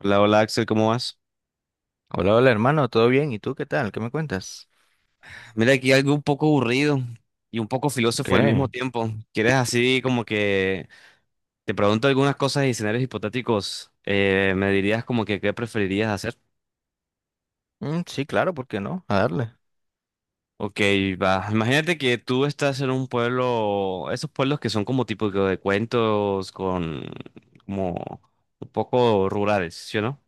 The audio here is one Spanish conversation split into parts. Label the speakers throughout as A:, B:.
A: Hola, hola Axel, ¿cómo vas?
B: Hola, hola hermano, ¿todo bien? ¿Y tú qué tal? ¿Qué me cuentas?
A: Mira, aquí algo un poco aburrido y un poco filósofo al mismo
B: ¿Qué?
A: tiempo. ¿Quieres así como que te pregunto algunas cosas y escenarios hipotéticos? ¿Me dirías como que qué preferirías hacer?
B: Mm, sí, claro, ¿por qué no? A darle.
A: Ok, va. Imagínate que tú estás en un pueblo, esos pueblos que son como tipo de cuentos con como un poco rurales, ¿sí o no?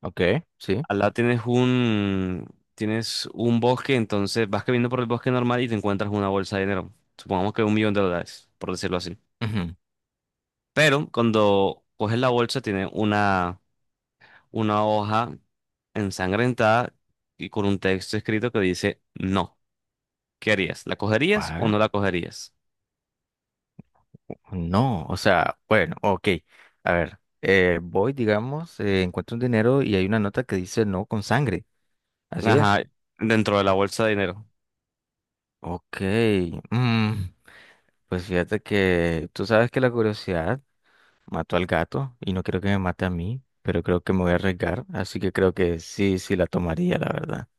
B: Ok, sí.
A: Al lado tienes un bosque, entonces vas caminando por el bosque normal y te encuentras una bolsa de dinero. Supongamos que 1 millón de dólares, por decirlo así.
B: Ujú.
A: Pero cuando coges la bolsa tiene una hoja ensangrentada y con un texto escrito que dice no. ¿Qué harías? ¿La cogerías o
B: Ah,
A: no la cogerías?
B: no, o sea, bueno, ok. A ver, voy, digamos, encuentro un dinero y hay una nota que dice no con sangre. Así es.
A: Ajá, dentro de la bolsa de dinero.
B: Ok. mm, pues fíjate que tú sabes que la curiosidad mató al gato y no quiero que me mate a mí, pero creo que me voy a arriesgar, así que creo que sí, sí la tomaría, la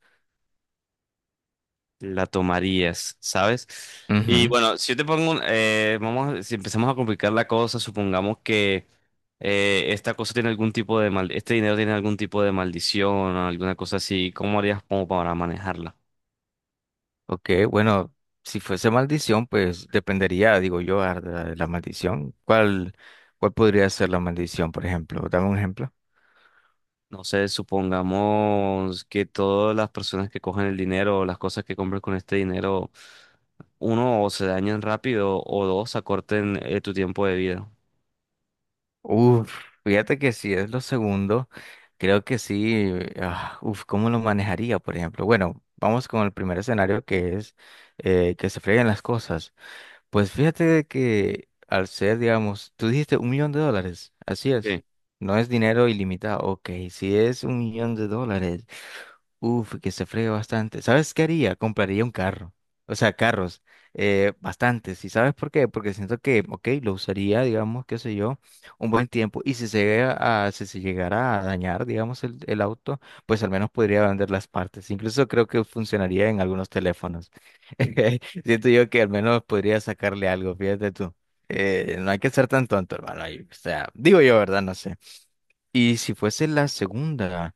A: La tomarías, ¿sabes? Y
B: verdad.
A: bueno, si yo te pongo vamos, si empezamos a complicar la cosa, supongamos que esta cosa tiene algún tipo de mal, este dinero tiene algún tipo de maldición o alguna cosa así, ¿cómo harías como para manejarla?
B: Ok, bueno, si fuese maldición, pues dependería, digo yo, de la maldición. ¿Cuál podría ser la maldición, por ejemplo? Dame un ejemplo.
A: No sé, supongamos que todas las personas que cogen el dinero o las cosas que compren con este dinero, uno, o se dañen rápido, o dos, acorten tu tiempo de vida.
B: Uf, fíjate que si es lo segundo, creo que sí. Ah, uf, ¿cómo lo manejaría, por ejemplo? Bueno, vamos con el primer escenario que es que se freguen las cosas. Pues fíjate de que al ser, digamos, tú dijiste $1.000.000, así es.
A: Sí.
B: No es dinero ilimitado, ok, si es $1.000.000. Uf, que se fregue bastante. ¿Sabes qué haría? Compraría un carro. O sea, carros. Bastantes. ¿Y sabes por qué? Porque siento que, ok, lo usaría, digamos, qué sé yo, un buen tiempo. Y si se llega a, si se llegara a dañar, digamos, el auto, pues al menos podría vender las partes. Incluso creo que funcionaría en algunos teléfonos. Siento yo que al menos podría sacarle algo, fíjate tú. No hay que ser tan tonto, hermano. Ahí, o sea, digo yo, ¿verdad? No sé. Y si fuese la segunda.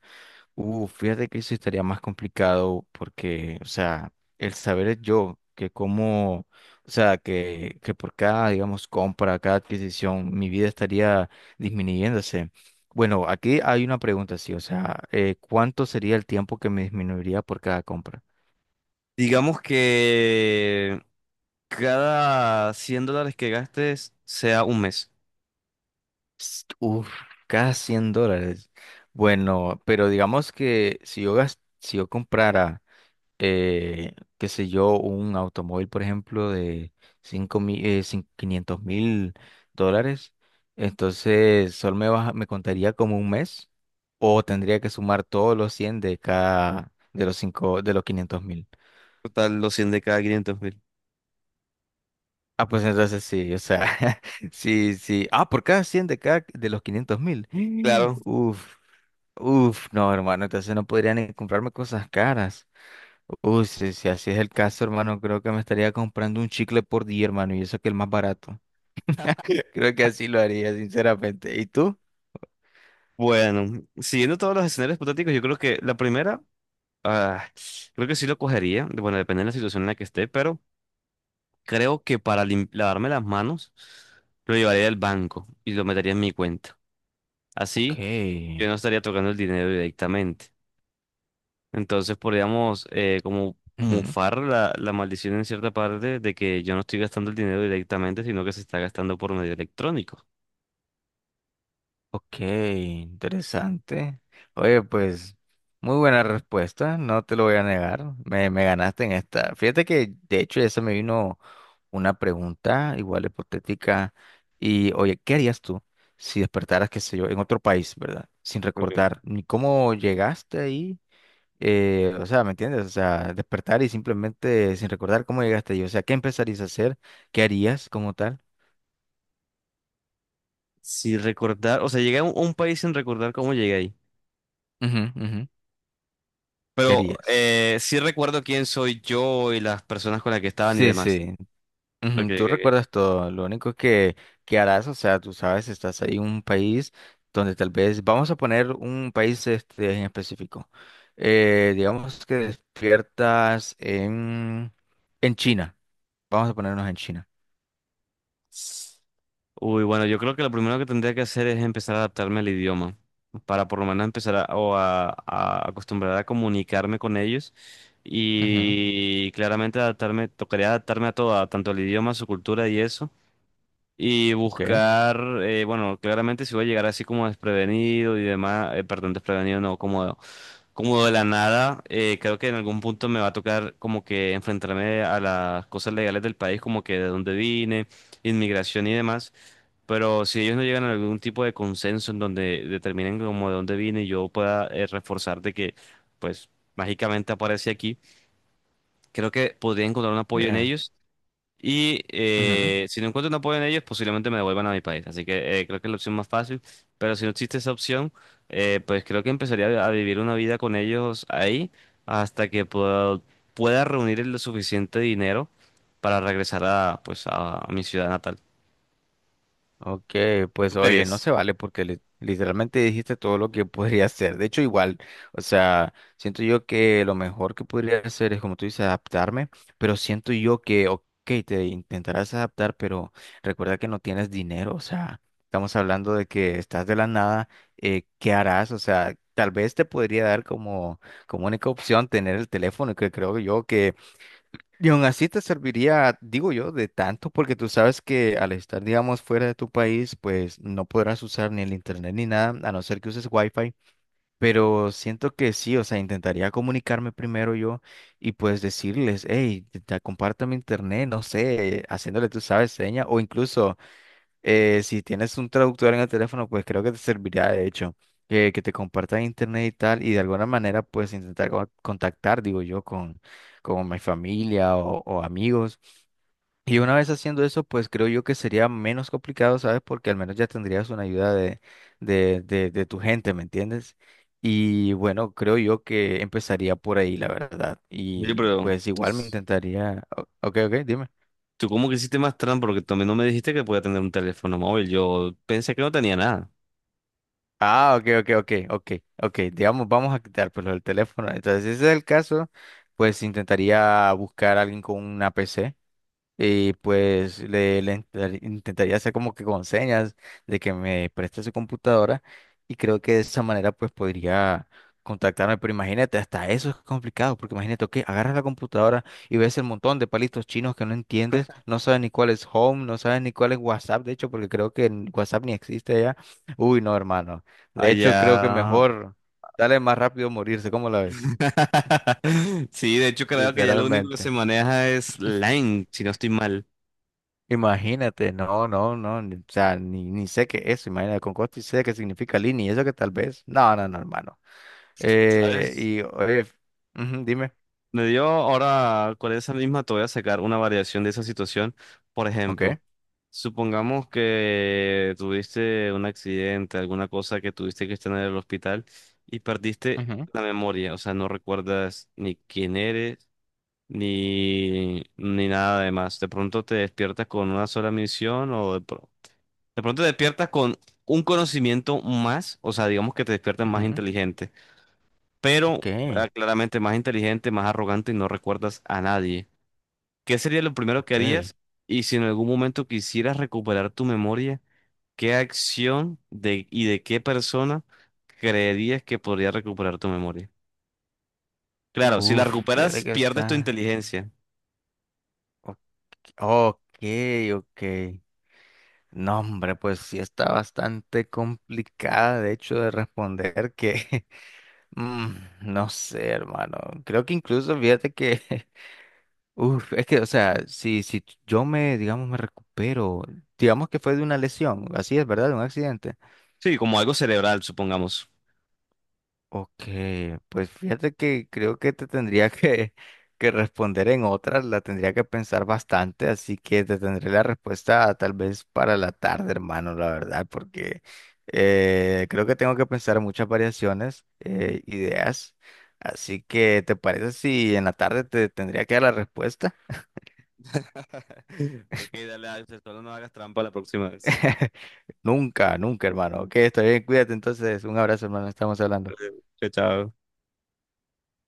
B: Fíjate que eso estaría más complicado porque, o sea, el saber es yo, que como, o sea, que por cada, digamos, compra, cada adquisición, mi vida estaría disminuyéndose. Bueno, aquí hay una pregunta, sí, o sea, ¿cuánto sería el tiempo que me disminuiría por cada compra?
A: Digamos que cada 100 dólares que gastes sea un mes.
B: Uf, cada $100. Bueno, pero digamos que si yo si yo comprara qué sé yo, un automóvil, por ejemplo, de 5.000, 500 mil dólares, entonces solo me contaría como un mes o tendría que sumar todos los 100 de cada, de los cinco, de los 500.000.
A: Total, los 100 de cada 500.000.
B: Ah, pues entonces sí, o sea, sí, sí. Ah, por cada 100 de cada, de los 500.000.
A: Claro.
B: Uf, uf, no, hermano, entonces no podría ni comprarme cosas caras. Uy, si así es el caso, hermano, creo que me estaría comprando un chicle por día, hermano, y eso que es el más barato. Creo que así lo haría, sinceramente. ¿Y tú?
A: Bueno, siguiendo todos los escenarios hipotéticos, yo creo que la primera, ah, creo que sí lo cogería. Bueno, depende de la situación en la que esté, pero creo que para lim- lavarme las manos lo llevaría al banco y lo metería en mi cuenta.
B: Ok,
A: Así yo no estaría tocando el dinero directamente. Entonces podríamos como
B: ujú,
A: mufar la maldición en cierta parte de que yo no estoy gastando el dinero directamente, sino que se está gastando por medio electrónico.
B: ok, interesante. Oye, pues, muy buena respuesta, no te lo voy a negar. Me ganaste en esta. Fíjate que, de hecho, ya se me vino una pregunta igual hipotética. Y, oye, ¿qué harías tú si despertaras, qué sé yo, en otro país, ¿verdad? Sin
A: Ok.
B: recordar ni cómo llegaste ahí. O sea, ¿me entiendes? O sea, despertar y simplemente sin recordar cómo llegaste ahí. O sea, ¿qué empezarías a hacer? ¿Qué harías como tal?
A: Si recordar, o sea, llegué a un país sin recordar cómo llegué ahí.
B: Ujú, ujú. ¿Qué
A: Pero
B: harías?
A: sí recuerdo quién soy yo y las personas con las que estaban y
B: Sí,
A: demás.
B: sí. Ujú,
A: Porque
B: tú
A: llegué.
B: recuerdas todo. Lo único que harás, o sea, tú sabes, estás ahí en un país donde tal vez, vamos a poner un país este, en específico. Digamos que despiertas en China. Vamos a ponernos en China.
A: Uy, bueno, yo creo que lo primero que tendría que hacer es empezar a adaptarme al idioma, para por lo menos empezar a acostumbrar a comunicarme con ellos
B: Ujú,
A: y claramente adaptarme, tocaría adaptarme a todo, a tanto el idioma, su cultura y eso. Y
B: ok.
A: buscar, bueno, claramente si voy a llegar así como desprevenido y demás, perdón, desprevenido no, como de la nada, creo que en algún punto me va a tocar como que enfrentarme a las cosas legales del país, como que de dónde vine, inmigración y demás. Pero si ellos no llegan a algún tipo de consenso en donde determinen como de dónde vine y yo pueda reforzar de que, pues, mágicamente aparece aquí, creo que podría encontrar un apoyo en
B: Eh,
A: ellos. Y si no encuentro un apoyo en ellos, posiblemente me devuelvan a mi país. Así que creo que es la opción más fácil. Pero si no existe esa opción, pues creo que empezaría a vivir una vida con ellos ahí hasta que pueda reunir el suficiente dinero para regresar pues a mi ciudad natal.
B: ok,
A: ¿Tú
B: pues
A: qué
B: oye, no se
A: harías?
B: vale porque literalmente dijiste todo lo que podría hacer. De hecho, igual, o sea, siento yo que lo mejor que podría hacer es, como tú dices, adaptarme, pero siento yo que, ok, te intentarás adaptar, pero recuerda que no tienes dinero, o sea, estamos hablando de que estás de la nada, ¿qué harás? O sea, tal vez te podría dar como única opción tener el teléfono, que creo yo y aún así te serviría, digo yo, de tanto, porque tú sabes que al estar, digamos, fuera de tu país, pues no podrás usar ni el internet ni nada, a no ser que uses wifi. Pero siento que sí, o sea, intentaría comunicarme primero yo y pues decirles, hey, te comparto mi internet, no sé, haciéndole, tú sabes, seña, o incluso si tienes un traductor en el teléfono, pues creo que te serviría de hecho que te compartas internet y tal, y de alguna manera pues intentar contactar, digo yo, con mi familia o amigos. Y una vez haciendo eso, pues creo yo que sería menos complicado, ¿sabes? Porque al menos ya tendrías una ayuda de tu gente, ¿me entiendes? Y bueno, creo yo que empezaría por ahí, la verdad.
A: Yo,
B: Y
A: pero
B: pues igual me
A: pues,
B: intentaría. Ok, ok, dime.
A: tú cómo que hiciste más trampa porque también no me dijiste que podía tener un teléfono móvil. Yo pensé que no tenía nada.
B: Ah, ok, ok, ok, ok, ok. Digamos, vamos a quitar pues lo del teléfono. Entonces, si ese es el caso, pues intentaría buscar a alguien con una PC y pues le intentaría hacer como que con señas de que me preste su computadora y creo que de esa manera pues podría contactarme. Pero imagínate, hasta eso es complicado, porque imagínate, ok, agarras la computadora y ves el montón de palitos chinos que no entiendes, no sabes ni cuál es Home, no sabes ni cuál es WhatsApp, de hecho, porque creo que en WhatsApp ni existe ya. Uy, no, hermano. De hecho, creo que
A: Allá.
B: mejor, dale más rápido morirse, ¿cómo la ves?
A: Sí, de hecho creo que ya lo único que se
B: Literalmente.
A: maneja es Line, si no estoy mal,
B: Imagínate, no, no, no, o sea, ni sé qué es, imagínate, con costo y sé qué significa línea, y eso que tal vez, no, no, no, hermano.
A: ¿sabes?
B: Y, oye, ujú, dime,
A: Me dio ahora con esa misma te voy a sacar una variación de esa situación. Por
B: ok,
A: ejemplo, supongamos que tuviste un accidente, alguna cosa que tuviste que estar en el hospital y perdiste
B: ujú,
A: la memoria, o sea, no recuerdas ni quién eres. Ni nada de más. De pronto te despiertas con una sola misión de pronto te despiertas con un conocimiento más, o sea, digamos que te despiertas más
B: ujú,
A: inteligente,
B: ok,
A: pero claramente más inteligente, más arrogante y no recuerdas a nadie. ¿Qué sería lo primero que
B: ok,
A: harías? Y si en algún momento quisieras recuperar tu memoria, ¿qué acción y de qué persona creerías que podría recuperar tu memoria? Claro, si la
B: uf, fíjate
A: recuperas,
B: que
A: pierdes tu
B: está,
A: inteligencia.
B: ok, ok, ok, no, hombre, pues sí está bastante complicada, de hecho, de responder que, mm, no sé, hermano, creo que incluso, fíjate que Uf, es que, o sea, si yo me, digamos, me recupero, digamos que fue de una lesión, así es, ¿verdad? De un accidente.
A: Sí, como algo cerebral, supongamos.
B: Ok, pues fíjate que creo que te tendría que responder en otra, la tendría que pensar bastante, así que te tendré la respuesta tal vez para la tarde, hermano, la verdad, porque creo que tengo que pensar muchas variaciones, ideas, así que ¿te parece si en la tarde te tendría que dar la respuesta?
A: Ok, dale, Axel, solo no hagas trampa la próxima vez.
B: Nunca, nunca, hermano. Ok, está bien, cuídate entonces. Un abrazo, hermano. Estamos hablando.
A: Chao, chao.